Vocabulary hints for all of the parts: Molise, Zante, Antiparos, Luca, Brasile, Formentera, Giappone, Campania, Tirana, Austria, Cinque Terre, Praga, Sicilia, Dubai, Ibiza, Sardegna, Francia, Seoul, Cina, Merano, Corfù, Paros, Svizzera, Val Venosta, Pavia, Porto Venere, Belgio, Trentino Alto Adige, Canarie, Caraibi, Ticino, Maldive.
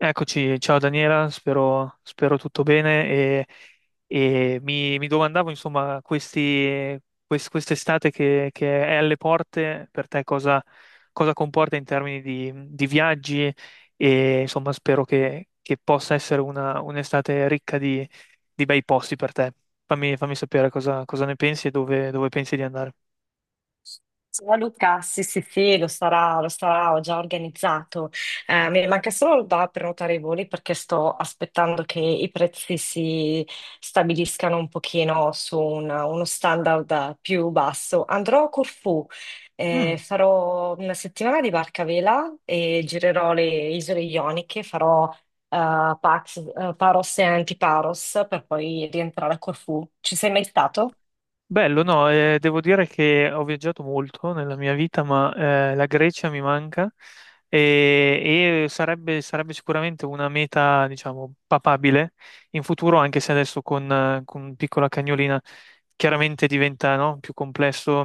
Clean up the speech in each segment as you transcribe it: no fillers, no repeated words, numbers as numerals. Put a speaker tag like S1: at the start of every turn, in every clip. S1: Eccoci, ciao Daniela, spero tutto bene e mi domandavo insomma quest'estate che è alle porte per te cosa comporta in termini di viaggi e insomma spero che possa essere un'estate ricca di bei posti per te. Fammi sapere cosa ne pensi e dove pensi di andare.
S2: Ciao Luca, sì sì sì, lo sarà, ho già organizzato. Mi manca solo da prenotare i voli perché sto aspettando che i prezzi si stabiliscano un pochino su uno standard più basso. Andrò a Corfù, farò una settimana di barca a vela e girerò le isole Ioniche, farò Paros e Antiparos per poi rientrare a Corfù. Ci sei mai stato?
S1: Bello, no, devo dire che ho viaggiato molto nella mia vita, ma la Grecia mi manca e sarebbe sicuramente una meta, diciamo, papabile in futuro, anche se adesso con piccola cagnolina chiaramente diventa, no, più complesso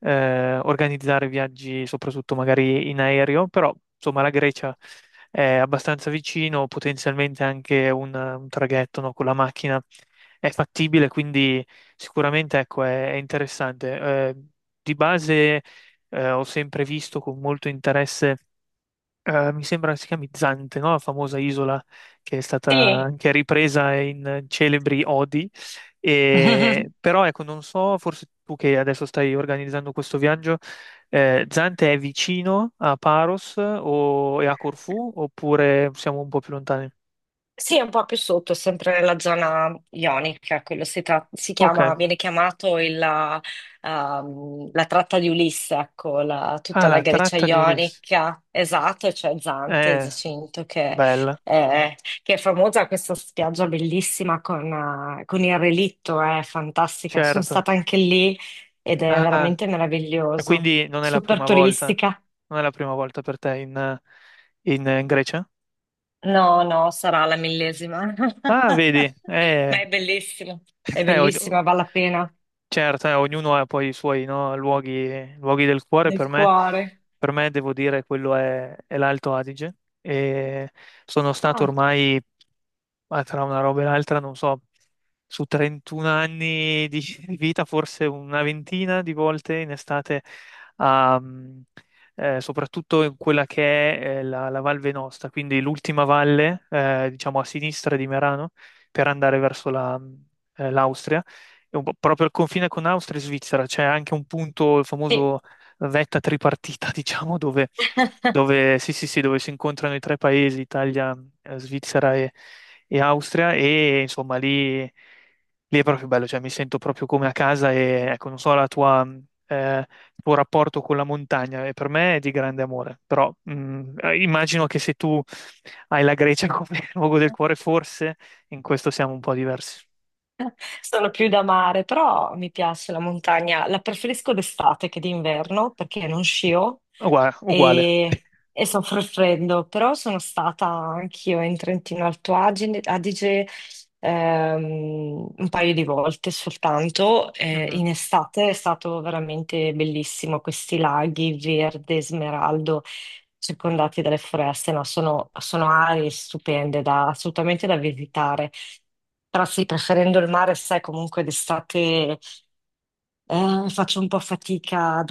S1: organizzare viaggi, soprattutto magari in aereo, però insomma la Grecia è abbastanza vicino, potenzialmente anche un traghetto, no, con la macchina è fattibile, quindi. Sicuramente, ecco, è interessante. Eh, di base, ho sempre visto con molto interesse, mi sembra si chiami Zante, no? La famosa isola che è stata
S2: Sì.
S1: anche ripresa in celebri odi. Però, ecco, non so, forse tu che adesso stai organizzando questo viaggio, Zante è vicino a Paros e a Corfù oppure siamo un po' più lontani?
S2: Sì, è un po' più sotto, sempre nella zona ionica, quello si, si
S1: Ok.
S2: chiama, viene chiamato il la tratta di Ulisse, ecco,
S1: Ah,
S2: tutta la
S1: la
S2: Grecia
S1: tratta di Ulisse.
S2: ionica, esatto, c'è Zante,
S1: Eh,
S2: Giacinto,
S1: Bella,
S2: eh, che è famosa questa spiaggia bellissima con, con il relitto, è fantastica, sono stata
S1: certo.
S2: anche lì ed è
S1: Ah,
S2: veramente
S1: e
S2: meraviglioso,
S1: quindi non è la
S2: super
S1: prima volta,
S2: turistica.
S1: non è la prima volta per te in Grecia?
S2: No, no, sarà la millesima.
S1: Ah, vedi,
S2: Ma è bellissimo, è
S1: eh, og-
S2: bellissima, vale la pena.
S1: certo, ognuno ha poi i suoi, no, luoghi del cuore,
S2: Del cuore.
S1: per me devo dire quello è l'Alto Adige e sono stato
S2: Ah,
S1: ormai ma tra una roba e l'altra, non so, su 31 anni di di vita, forse una ventina di volte in estate, a, mm, soprattutto in quella che è la Val Venosta, quindi l'ultima valle, diciamo a sinistra di Merano, per andare verso l'Austria, e un po' proprio al confine con Austria e Svizzera, c'è anche un punto, il
S2: sì.
S1: famoso vetta tripartita, diciamo, sì, sì, sì, dove si incontrano i tre paesi, Italia, Svizzera e Austria, e insomma lì è proprio bello, cioè mi sento proprio come a casa e ecco, non so il tuo rapporto con la montagna, e per me è di grande amore, però immagino che se tu hai la Grecia come luogo del cuore, forse in questo siamo un po' diversi.
S2: Sono più da mare, però mi piace la montagna. La preferisco d'estate che d'inverno perché non scio
S1: Uguale, uguale.
S2: e, e soffro il freddo. Però sono stata anch'io in Trentino Adige, un paio di volte soltanto.
S1: Mhm.
S2: In estate è stato veramente bellissimo. Questi laghi verde, smeraldo, circondati dalle foreste, no? Sono, sono aree stupende assolutamente da visitare. Però sì, preferendo il mare, sai, comunque d'estate faccio un po' fatica ad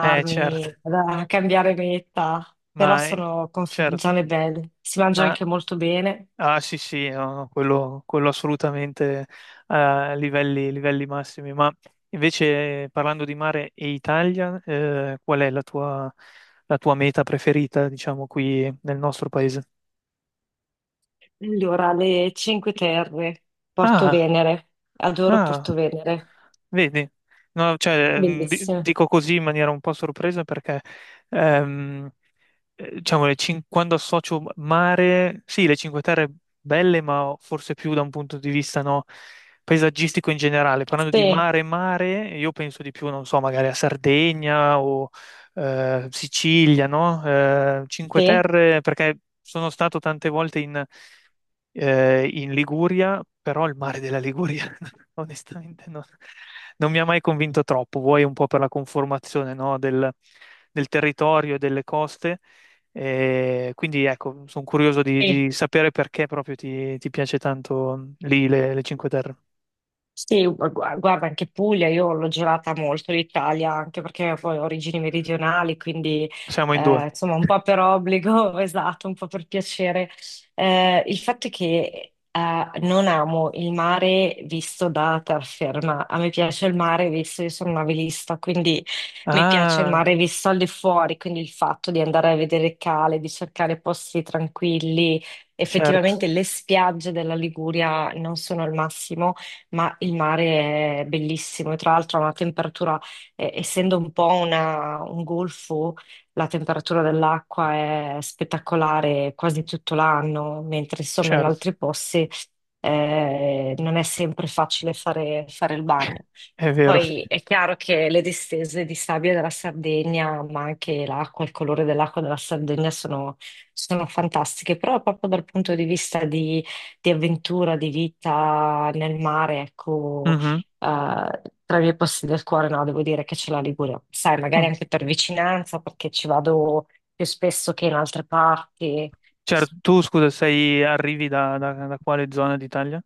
S1: Certo,
S2: a cambiare meta, però
S1: ma
S2: sono
S1: certo.
S2: zone belle, si mangia
S1: Ma
S2: anche molto bene.
S1: Ah, sì, sì, no, no, quello assolutamente a livelli massimi, ma invece parlando di mare e Italia, qual è la tua meta preferita, diciamo, qui nel nostro paese?
S2: Allora, le Cinque Terre, Porto
S1: Ah,
S2: Venere, adoro
S1: ah,
S2: Porto Venere,
S1: vedi, no, cioè,
S2: bellissimo.
S1: dico così in maniera un po' sorpresa perché diciamo, quando associo mare, sì, le Cinque Terre belle, ma forse più da un punto di vista no, paesaggistico in generale. Parlando di
S2: Sì,
S1: mare, mare, io penso di più, non so, magari a Sardegna o Sicilia, no? Cinque
S2: sì,
S1: Terre, perché sono stato tante volte in Liguria, però il mare della Liguria onestamente non mi ha mai convinto troppo, vuoi un po' per la conformazione, no, del territorio e delle coste, quindi ecco, sono curioso di,
S2: sì.
S1: di sapere perché proprio ti piace tanto lì le Cinque Terre.
S2: Sì, guarda, anche Puglia, io l'ho girata molto l'Italia, anche perché poi ho origini meridionali, quindi
S1: Siamo in due.
S2: insomma un po' per obbligo, esatto, un po' per piacere. Il fatto è che non amo il mare visto da terraferma, a me piace il mare visto, io sono una velista, quindi mi piace il
S1: Ah,
S2: mare visto al di fuori, quindi il fatto di andare a vedere cale, di cercare posti tranquilli.
S1: certo,
S2: Effettivamente le spiagge della Liguria non sono il massimo, ma il mare è bellissimo e tra l'altro ha una temperatura, essendo un po' un golfo, la temperatura dell'acqua è spettacolare quasi tutto l'anno, mentre insomma in
S1: certo,
S2: altri posti non è sempre facile fare il bagno.
S1: è vero.
S2: Poi è chiaro che le distese di sabbia della Sardegna, ma anche l'acqua, il colore dell'acqua della Sardegna sono, sono fantastiche, però proprio dal punto di vista di avventura, di vita nel mare, ecco,
S1: Mhm.
S2: tra i miei posti del cuore, no, devo dire che c'è la Liguria. Sai, magari
S1: Oh,
S2: anche per vicinanza, perché ci vado più spesso che in altre parti.
S1: certo, tu scusa, arrivi da quale zona d'Italia?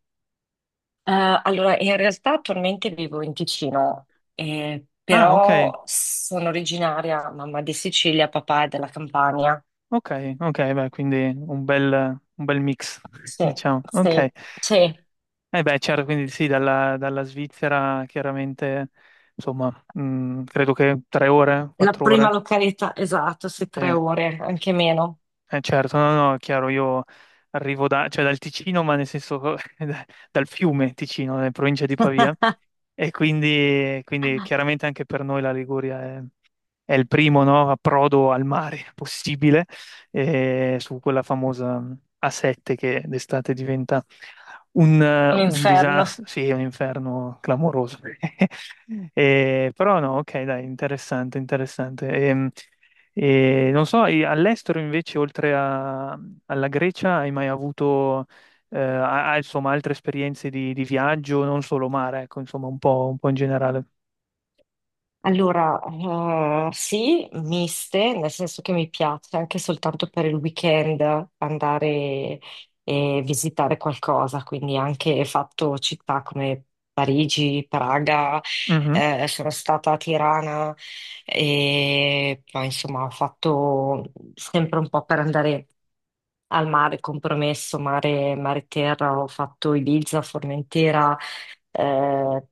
S2: Allora, in realtà attualmente vivo in Ticino,
S1: Ah, ok.
S2: però sono originaria, mamma di Sicilia, papà è della Campania.
S1: Ok, ok, beh, quindi un bel mix,
S2: Sì,
S1: diciamo.
S2: sì,
S1: Ok.
S2: sì,
S1: Eh beh, certo, quindi sì, dalla Svizzera chiaramente, insomma, credo che 3 ore,
S2: la
S1: quattro
S2: prima
S1: ore.
S2: località, esatto, sì, tre
S1: Eh,
S2: ore, anche meno.
S1: certo, no, no, è chiaro, io arrivo cioè dal Ticino, ma nel senso dal fiume Ticino, nella provincia di Pavia, e quindi chiaramente anche per noi la Liguria è il primo, no, approdo al mare possibile su quella famosa A7 che d'estate diventa un, eh,
S2: Un
S1: un
S2: inferno.
S1: disastro, sì, è un inferno clamoroso. Però no, ok, dai, interessante, interessante. Non so, e all'estero invece, alla Grecia, hai mai avuto insomma, altre esperienze di viaggio, non solo mare, ecco, insomma, un po' in generale.
S2: Allora, sì, miste, nel senso che mi piace anche soltanto per il weekend andare e visitare qualcosa, quindi anche fatto città come Parigi, Praga,
S1: Mhm.
S2: sono stata a Tirana e poi insomma ho fatto sempre un po' per andare al mare, compromesso, mare, mare terra, ho fatto Ibiza, Formentera, eh,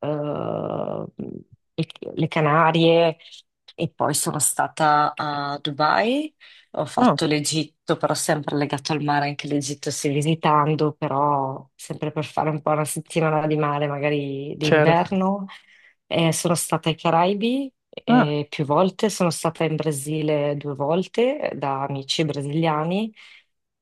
S2: eh, i- le Canarie e poi sono stata a Dubai. Ho
S1: Ah,
S2: fatto l'Egitto, però sempre legato al mare, anche l'Egitto stai visitando, però sempre per fare un po' una settimana di mare, magari
S1: certo.
S2: d'inverno. Sono stata ai Caraibi
S1: Ah.
S2: più volte, sono stata in Brasile 2 volte da amici brasiliani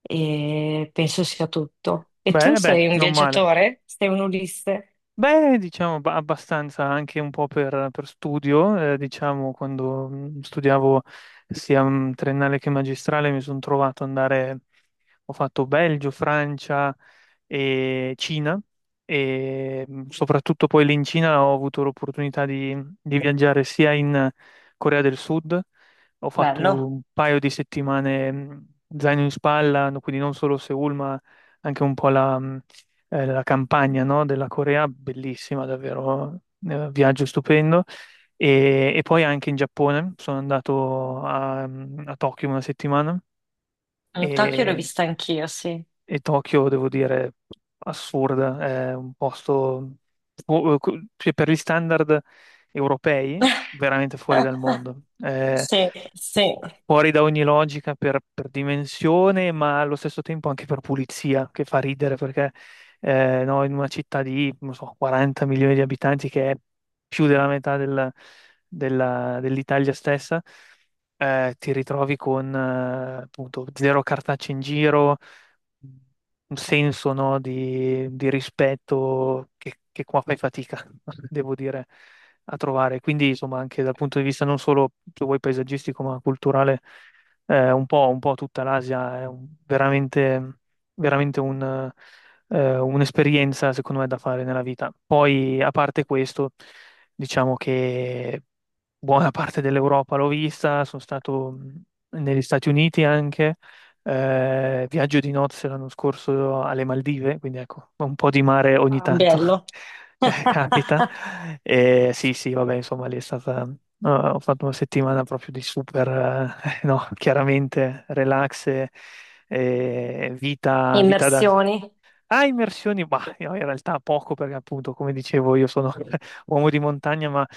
S2: e penso sia tutto. E
S1: Beh,
S2: tu sei un
S1: non male.
S2: viaggiatore? Sei un Ulisse?
S1: Beh, diciamo abbastanza anche un po' per studio, diciamo quando studiavo sia triennale che magistrale mi sono trovato ad andare, ho fatto Belgio, Francia e Cina e soprattutto poi lì in Cina ho avuto l'opportunità di viaggiare sia in Corea del Sud, ho fatto
S2: Bello.
S1: un paio di settimane zaino in spalla, quindi non solo Seoul ma anche un po' la campagna, no, della Corea, bellissima, davvero, viaggio stupendo. E poi anche in Giappone, sono andato a Tokyo una settimana
S2: Mm, Tokyo l'ho
S1: e
S2: vista anch'io, sì.
S1: e Tokyo, devo dire, assurda, è un posto fu- cioè, per gli standard europei veramente fuori dal mondo, è
S2: Sì, sì.
S1: fuori da ogni logica per dimensione, ma allo stesso tempo anche per pulizia, che fa ridere perché no, in una città di, non so, 40 milioni di abitanti, che è più della metà dell'Italia stessa, ti ritrovi con appunto zero cartacce in giro un senso, no, di rispetto che qua fai fatica, devo dire, a trovare. Quindi, insomma, anche dal punto di vista non solo, se vuoi, paesaggistico, ma culturale, un po' tutta l'Asia veramente, veramente un'esperienza, secondo me, da fare nella vita. Poi, a parte questo, diciamo che buona parte dell'Europa l'ho vista, sono stato negli Stati Uniti anche viaggio di nozze l'anno scorso alle Maldive, quindi ecco, un po' di mare ogni
S2: Ah,
S1: tanto
S2: bello.
S1: capita. E sì, sì, vabbè, insomma, lì è stata. No, ho fatto una settimana proprio di super, no, chiaramente relax e vita, vita da.
S2: Immersioni.
S1: Ah, immersioni, ma no, in realtà poco perché appunto, come dicevo, io sono uomo di montagna, ma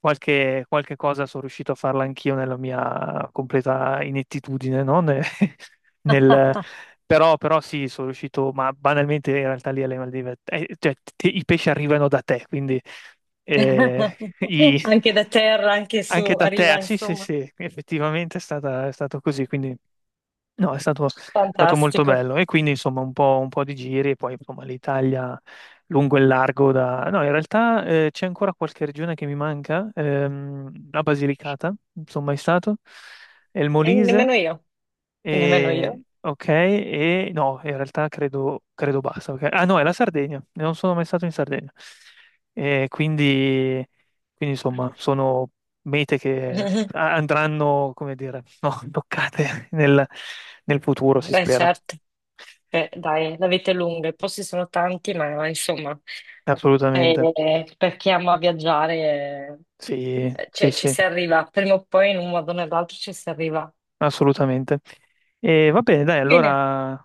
S1: qualche cosa sono riuscito a farla anch'io nella mia completa inettitudine, no? Nel- però sì, sono riuscito, ma banalmente in realtà lì alle Maldive, cioè, i pesci arrivano da te, quindi eh, i-
S2: Anche da terra, anche su,
S1: anche da te,
S2: arriva,
S1: sì, sì,
S2: insomma.
S1: sì, effettivamente è stato così, quindi no, è stato molto
S2: Fantastico.
S1: bello e quindi insomma un po' di giri e poi insomma l'Italia lungo e largo da. No, in realtà c'è ancora qualche regione che mi manca, la Basilicata, non sono mai stato, e il
S2: E
S1: Molise
S2: nemmeno io, nemmeno io.
S1: ok, e no, in realtà credo basta. Ah no, è la Sardegna, non sono mai stato in Sardegna. E quindi, insomma, sono mete che andranno, come dire, no, toccate nel futuro, si
S2: Beh,
S1: spera.
S2: certo, beh, dai, la vita è lunga, i posti sono tanti, ma insomma,
S1: Assolutamente.
S2: per chi ama viaggiare,
S1: Sì, sì,
S2: cioè, ci
S1: sì,
S2: si arriva, prima o poi in un modo o nell'altro ci si arriva.
S1: assolutamente. E va bene, dai,
S2: Bene,
S1: allora,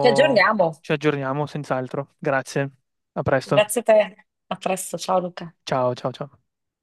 S2: ci aggiorniamo.
S1: ci aggiorniamo senz'altro. Grazie, a presto.
S2: Grazie a te, a presto, ciao Luca.
S1: Ciao, ciao, ciao.